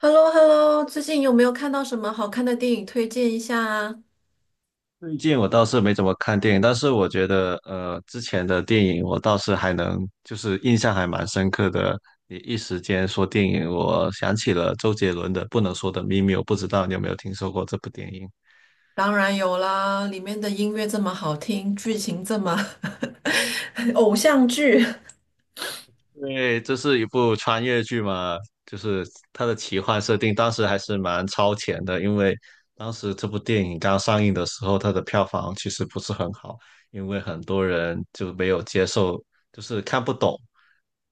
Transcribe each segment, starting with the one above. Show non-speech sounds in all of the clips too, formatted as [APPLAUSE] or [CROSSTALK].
h e l l o h e l l o 最近有没有看到什么好看的电影推荐一下啊？最近我倒是没怎么看电影，但是我觉得，之前的电影我倒是还能，印象还蛮深刻的。你一时间说电影，我想起了周杰伦的《不能说的秘密》，我不知道你有没有听说过这部电影。当然有啦，里面的音乐这么好听，剧情这么 [LAUGHS] 偶像剧。因为这是一部穿越剧嘛，就是它的奇幻设定，当时还是蛮超前的，因为当时这部电影刚上映的时候，它的票房其实不是很好，因为很多人就没有接受，就是看不懂，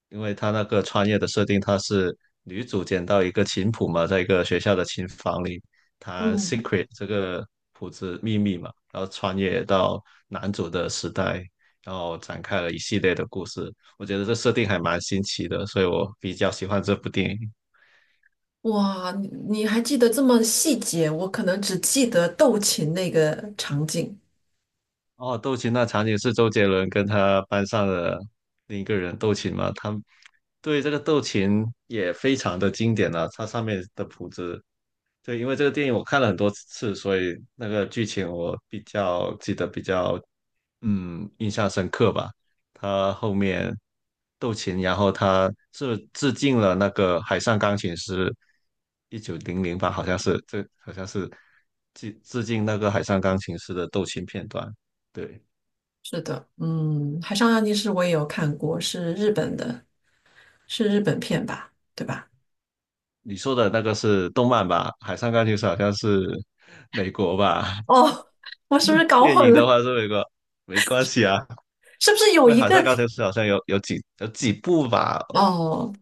因为它那个穿越的设定，它是女主捡到一个琴谱嘛，在一个学校的琴房里弹 嗯。secret 这个谱子秘密嘛，然后穿越到男主的时代，然后展开了一系列的故事。我觉得这设定还蛮新奇的，所以我比较喜欢这部电影。哇，你还记得这么细节？我可能只记得斗琴那个场景。哦，斗琴那场景是周杰伦跟他班上的另一个人斗琴嘛？他对这个斗琴也非常的经典啊，它上面的谱子，对，因为这个电影我看了很多次，所以那个剧情我比较记得比较印象深刻吧。他后面斗琴，然后他是致敬了那个海上钢琴师，一九零零吧，好像是，这好像是致敬那个海上钢琴师的斗琴片段。对，是的。嗯，《海上钢琴师》我也有看过，是日本的，是日本片吧？对吧？你说的那个是动漫吧？海上钢琴师好像是美国吧？[LAUGHS] 哦，我是不是搞电影混的了？话是美国，没关系啊，[LAUGHS] 是不是因有为一海个？上钢琴师好像有几部吧。哦，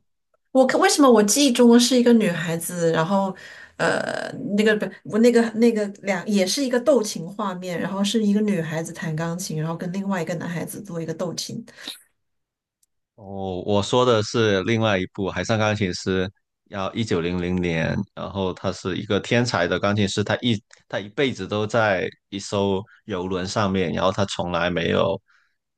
我看为什么我记忆中是一个女孩子，然后呃，那个不，我那个两也是一个斗琴画面，然后是一个女孩子弹钢琴，然后跟另外一个男孩子做一个斗琴。哦，我说的是另外一部《海上钢琴师》，要1900年，然后他是一个天才的钢琴师，他一辈子都在一艘游轮上面，然后他从来没有，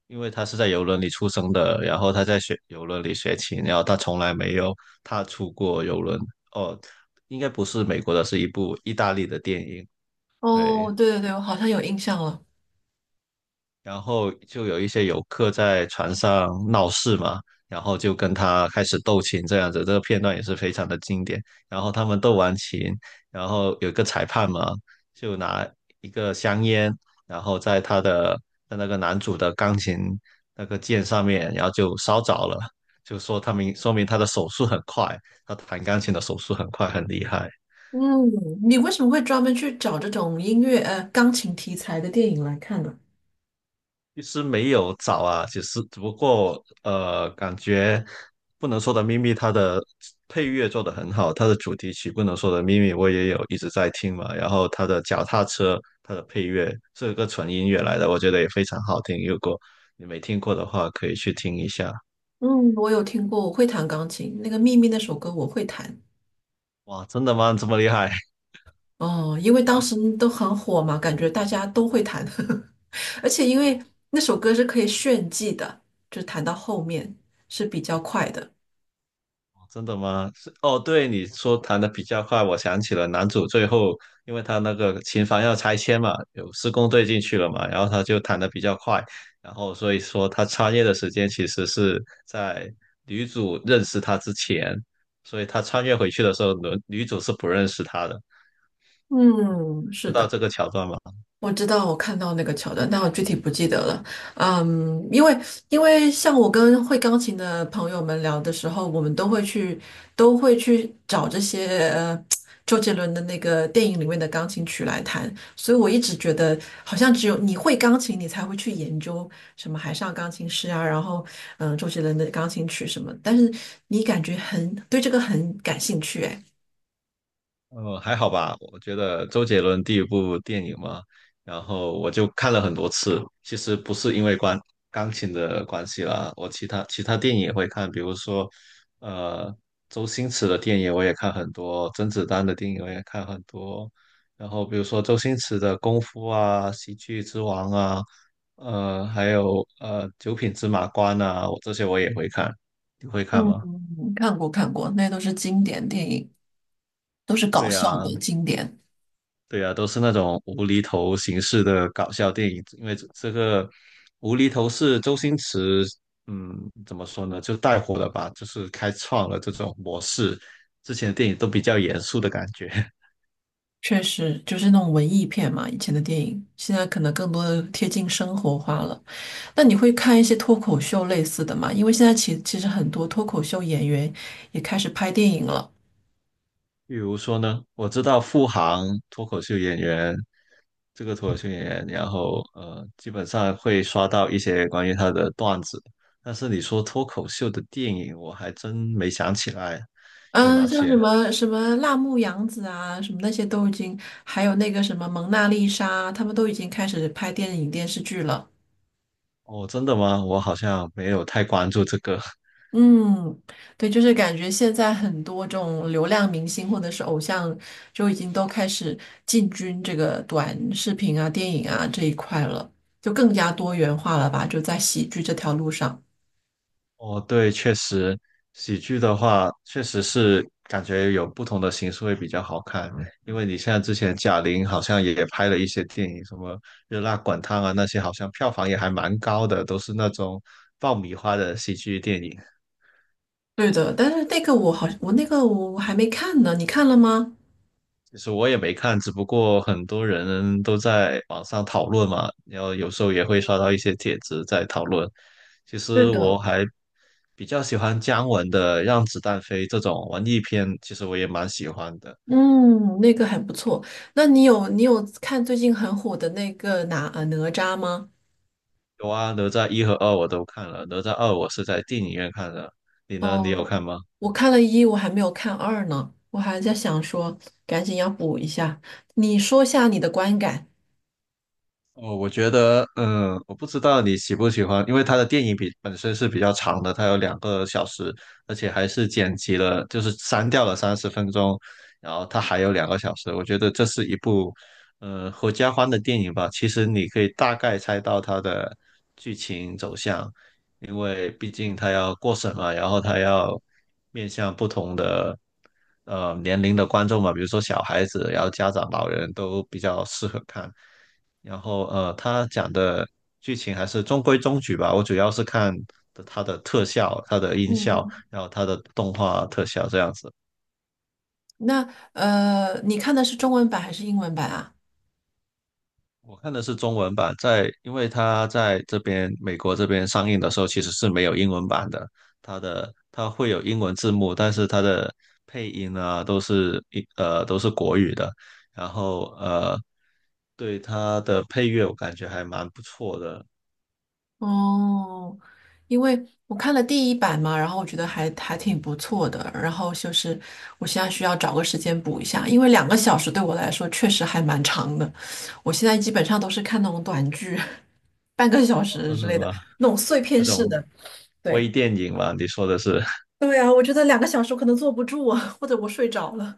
因为他是在游轮里出生的，然后他在学游轮里学琴，然后他从来没有踏出过游轮。哦，应该不是美国的，是一部意大利的电影，对。哦，对对对，我好像有印象了。然后就有一些游客在船上闹事嘛，然后就跟他开始斗琴这样子，这个片段也是非常的经典。然后他们斗完琴，然后有一个裁判嘛，就拿一个香烟，然后在他的在那个男主的钢琴那个键上面，然后就烧着了，就说他明说明他的手速很快，他弹钢琴的手速很快，很厉害。嗯，你为什么会专门去找这种音乐钢琴题材的电影来看呢？其实没有找啊，其实只不过感觉不能说的秘密它的配乐做得很好，它的主题曲不能说的秘密我也有一直在听嘛，然后它的脚踏车它的配乐是个纯音乐来的，我觉得也非常好听，如果你没听过的话，可以去听一下。嗯，我有听过，我会弹钢琴，那个《秘密》那首歌我会弹。哇，真的吗？这么厉害？哦，因为当时都很火嘛，感觉大家都会弹。[LAUGHS] 而且因为那首歌是可以炫技的，就弹到后面是比较快的。真的吗？是哦，对，你说弹的比较快，我想起了男主最后，因为他那个琴房要拆迁嘛，有施工队进去了嘛，然后他就弹的比较快，然后所以说他穿越的时间其实是在女主认识他之前，所以他穿越回去的时候，女主是不认识他的，嗯，知是道的。这个桥段吗？我知道，我看到那个桥段，但我具体不记得了。嗯，因为像我跟会钢琴的朋友们聊的时候，我们都会去找这些周杰伦的那个电影里面的钢琴曲来弹，所以我一直觉得好像只有你会钢琴，你才会去研究什么海上钢琴师啊，然后周杰伦的钢琴曲什么，但是你感觉很对这个很感兴趣，哎。还好吧，我觉得周杰伦第一部电影嘛，然后我就看了很多次。其实不是因为关钢琴的关系啦，我其他电影也会看，比如说，呃，周星驰的电影我也看很多，甄子丹的电影我也看很多。然后比如说周星驰的《功夫》啊，《喜剧之王》啊，还有《九品芝麻官》啊，我这些我也会看。你会看嗯，吗？看过看过，那都是经典电影。都是搞对笑呀，的经典。对啊，都是那种无厘头形式的搞笑电影，因为这个无厘头是周星驰，嗯，怎么说呢，就带火了吧，就是开创了这种模式。之前的电影都比较严肃的感觉。[LAUGHS] 确实就是那种文艺片嘛，以前的电影，现在可能更多的贴近生活化了。那你会看一些脱口秀类似的吗？因为现在其实很多脱口秀演员也开始拍电影了。比如说呢，我知道付航脱口秀演员，这个脱口秀演员，然后基本上会刷到一些关于他的段子，但是你说脱口秀的电影，我还真没想起来有嗯，哪像些。什么什么辣目洋子啊，什么那些都已经，还有那个什么蒙娜丽莎，他们都已经开始拍电影电视剧了。哦，真的吗？我好像没有太关注这个。[LAUGHS] 嗯，对，就是感觉现在很多这种流量明星或者是偶像，就已经都开始进军这个短视频啊、电影啊这一块了，就更加多元化了吧？就在喜剧这条路上。哦，对，确实，喜剧的话，确实是感觉有不同的形式会比较好看。因为你像之前贾玲好像也拍了一些电影，什么《热辣滚烫》啊那些，好像票房也还蛮高的，都是那种爆米花的喜剧电影。对的，但是那个我我还没看呢，你看了吗？其实我也没看，只不过很多人都在网上讨论嘛，然后有时候也会刷到一些帖子在讨论。其对实我的。还比较喜欢姜文的《让子弹飞》这种文艺片，其实我也蛮喜欢的。嗯，那个还不错。那你有你有看最近很火的那个哪吒吗？有啊，哪吒一和二我都看了，哪吒二我是在电影院看的，你呢？你有哦，看吗？我看了一，我还没有看二呢，我还在想说赶紧要补一下。你说下你的观感。哦，我觉得，嗯，我不知道你喜不喜欢，因为他的电影比本身是比较长的，它有两个小时，而且还是剪辑了，就是删掉了30分钟，然后它还有两个小时。我觉得这是一部，合家欢的电影吧。其实你可以大概猜到它的剧情走向，因为毕竟它要过审嘛，然后它要面向不同的年龄的观众嘛，比如说小孩子，然后家长、老人都比较适合看。然后他讲的剧情还是中规中矩吧。我主要是看的它的特效、它的音嗯效，嗯。然后它的动画特效这样子。那你看的是中文版还是英文版啊？我看的是中文版，因为它在这边美国这边上映的时候其实是没有英文版的，它会有英文字幕，但是它的配音啊都是都是国语的，然后对它的配乐我感觉还蛮不错的。哦，因为我看了第一版嘛，然后我觉得还挺不错的，然后就是我现在需要找个时间补一下，因为两个小时对我来说确实还蛮长的。我现在基本上都是看那种短剧，[LAUGHS] 半个小哦，时真之的类的，吗？那种碎片那式种的。对。微电影嘛，你说的是。对啊，我觉得两个小时我可能坐不住啊，或者我睡着了。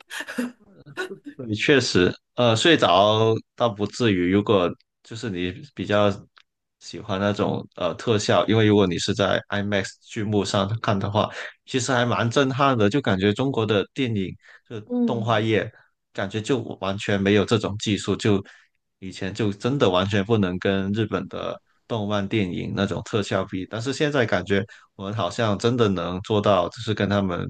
[LAUGHS] 你确实，睡着倒不至于。如果就是你比较喜欢那种特效，因为如果你是在 IMAX 剧目上看的话，其实还蛮震撼的，就感觉中国的电影就动画嗯，业，感觉就完全没有这种技术，就以前就真的完全不能跟日本的动漫电影那种特效比，但是现在感觉我们好像真的能做到，就是跟他们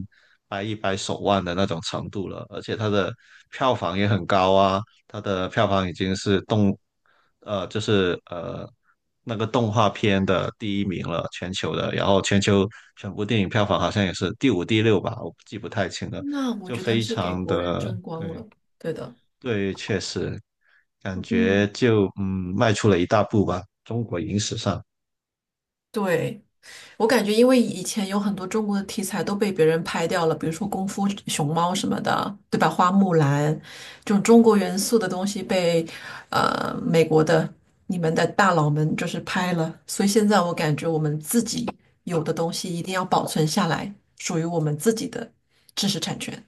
掰一掰手腕的那种程度了，而且它的票房也很高啊，它的票房已经是动呃，就是呃那个动画片的第一名了，全球的。然后全球全部电影票房好像也是第五、第六吧，我记不太清了。那我就觉得非是给常国人的争光对了。对的。对，确实感嗯，觉就迈出了一大步吧，中国影史上。对，我感觉因为以前有很多中国的题材都被别人拍掉了，比如说功夫熊猫什么的，对吧？花木兰这种中国元素的东西被呃美国的你们的大佬们就是拍了，所以现在我感觉我们自己有的东西一定要保存下来，属于我们自己的知识产权。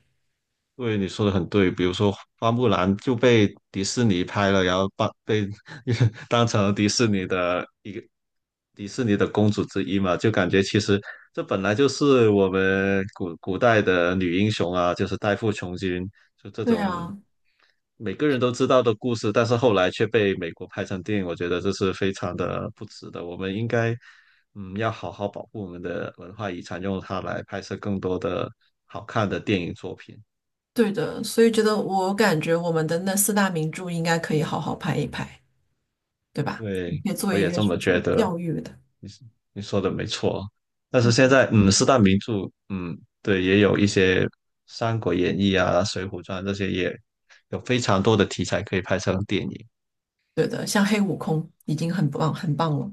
对，你说的很对。比如说，花木兰就被迪士尼拍了，然后把被 [LAUGHS] 当成迪士尼的公主之一嘛，就感觉其实这本来就是我们古代的女英雄啊，就是代父从军，就这对种啊。每个人都知道的故事，但是后来却被美国拍成电影，我觉得这是非常的不值得。我们应该，要好好保护我们的文化遗产，用它来拍摄更多的好看的电影作品。对的，所以觉得我感觉我们的那四大名著应该可以好好拍一拍，对吧？你对，可以做我一也个这什么觉么得，教育的。你说的没错。但是嗯，现在，嗯，四大名著，嗯，对，也有一些《三国演义》啊，《水浒传》这些，也有非常多的题材可以拍成电影。对的，像黑悟空已经很棒很棒了。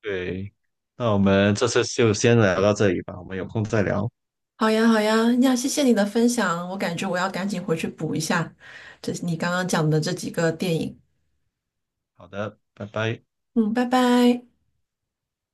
对，那我们这次就先聊到这里吧，我们有空再聊。好呀，好呀，呀，谢谢你的分享，我感觉我要赶紧回去补一下这你刚刚讲的这几个电影。好的，拜拜。嗯，拜拜。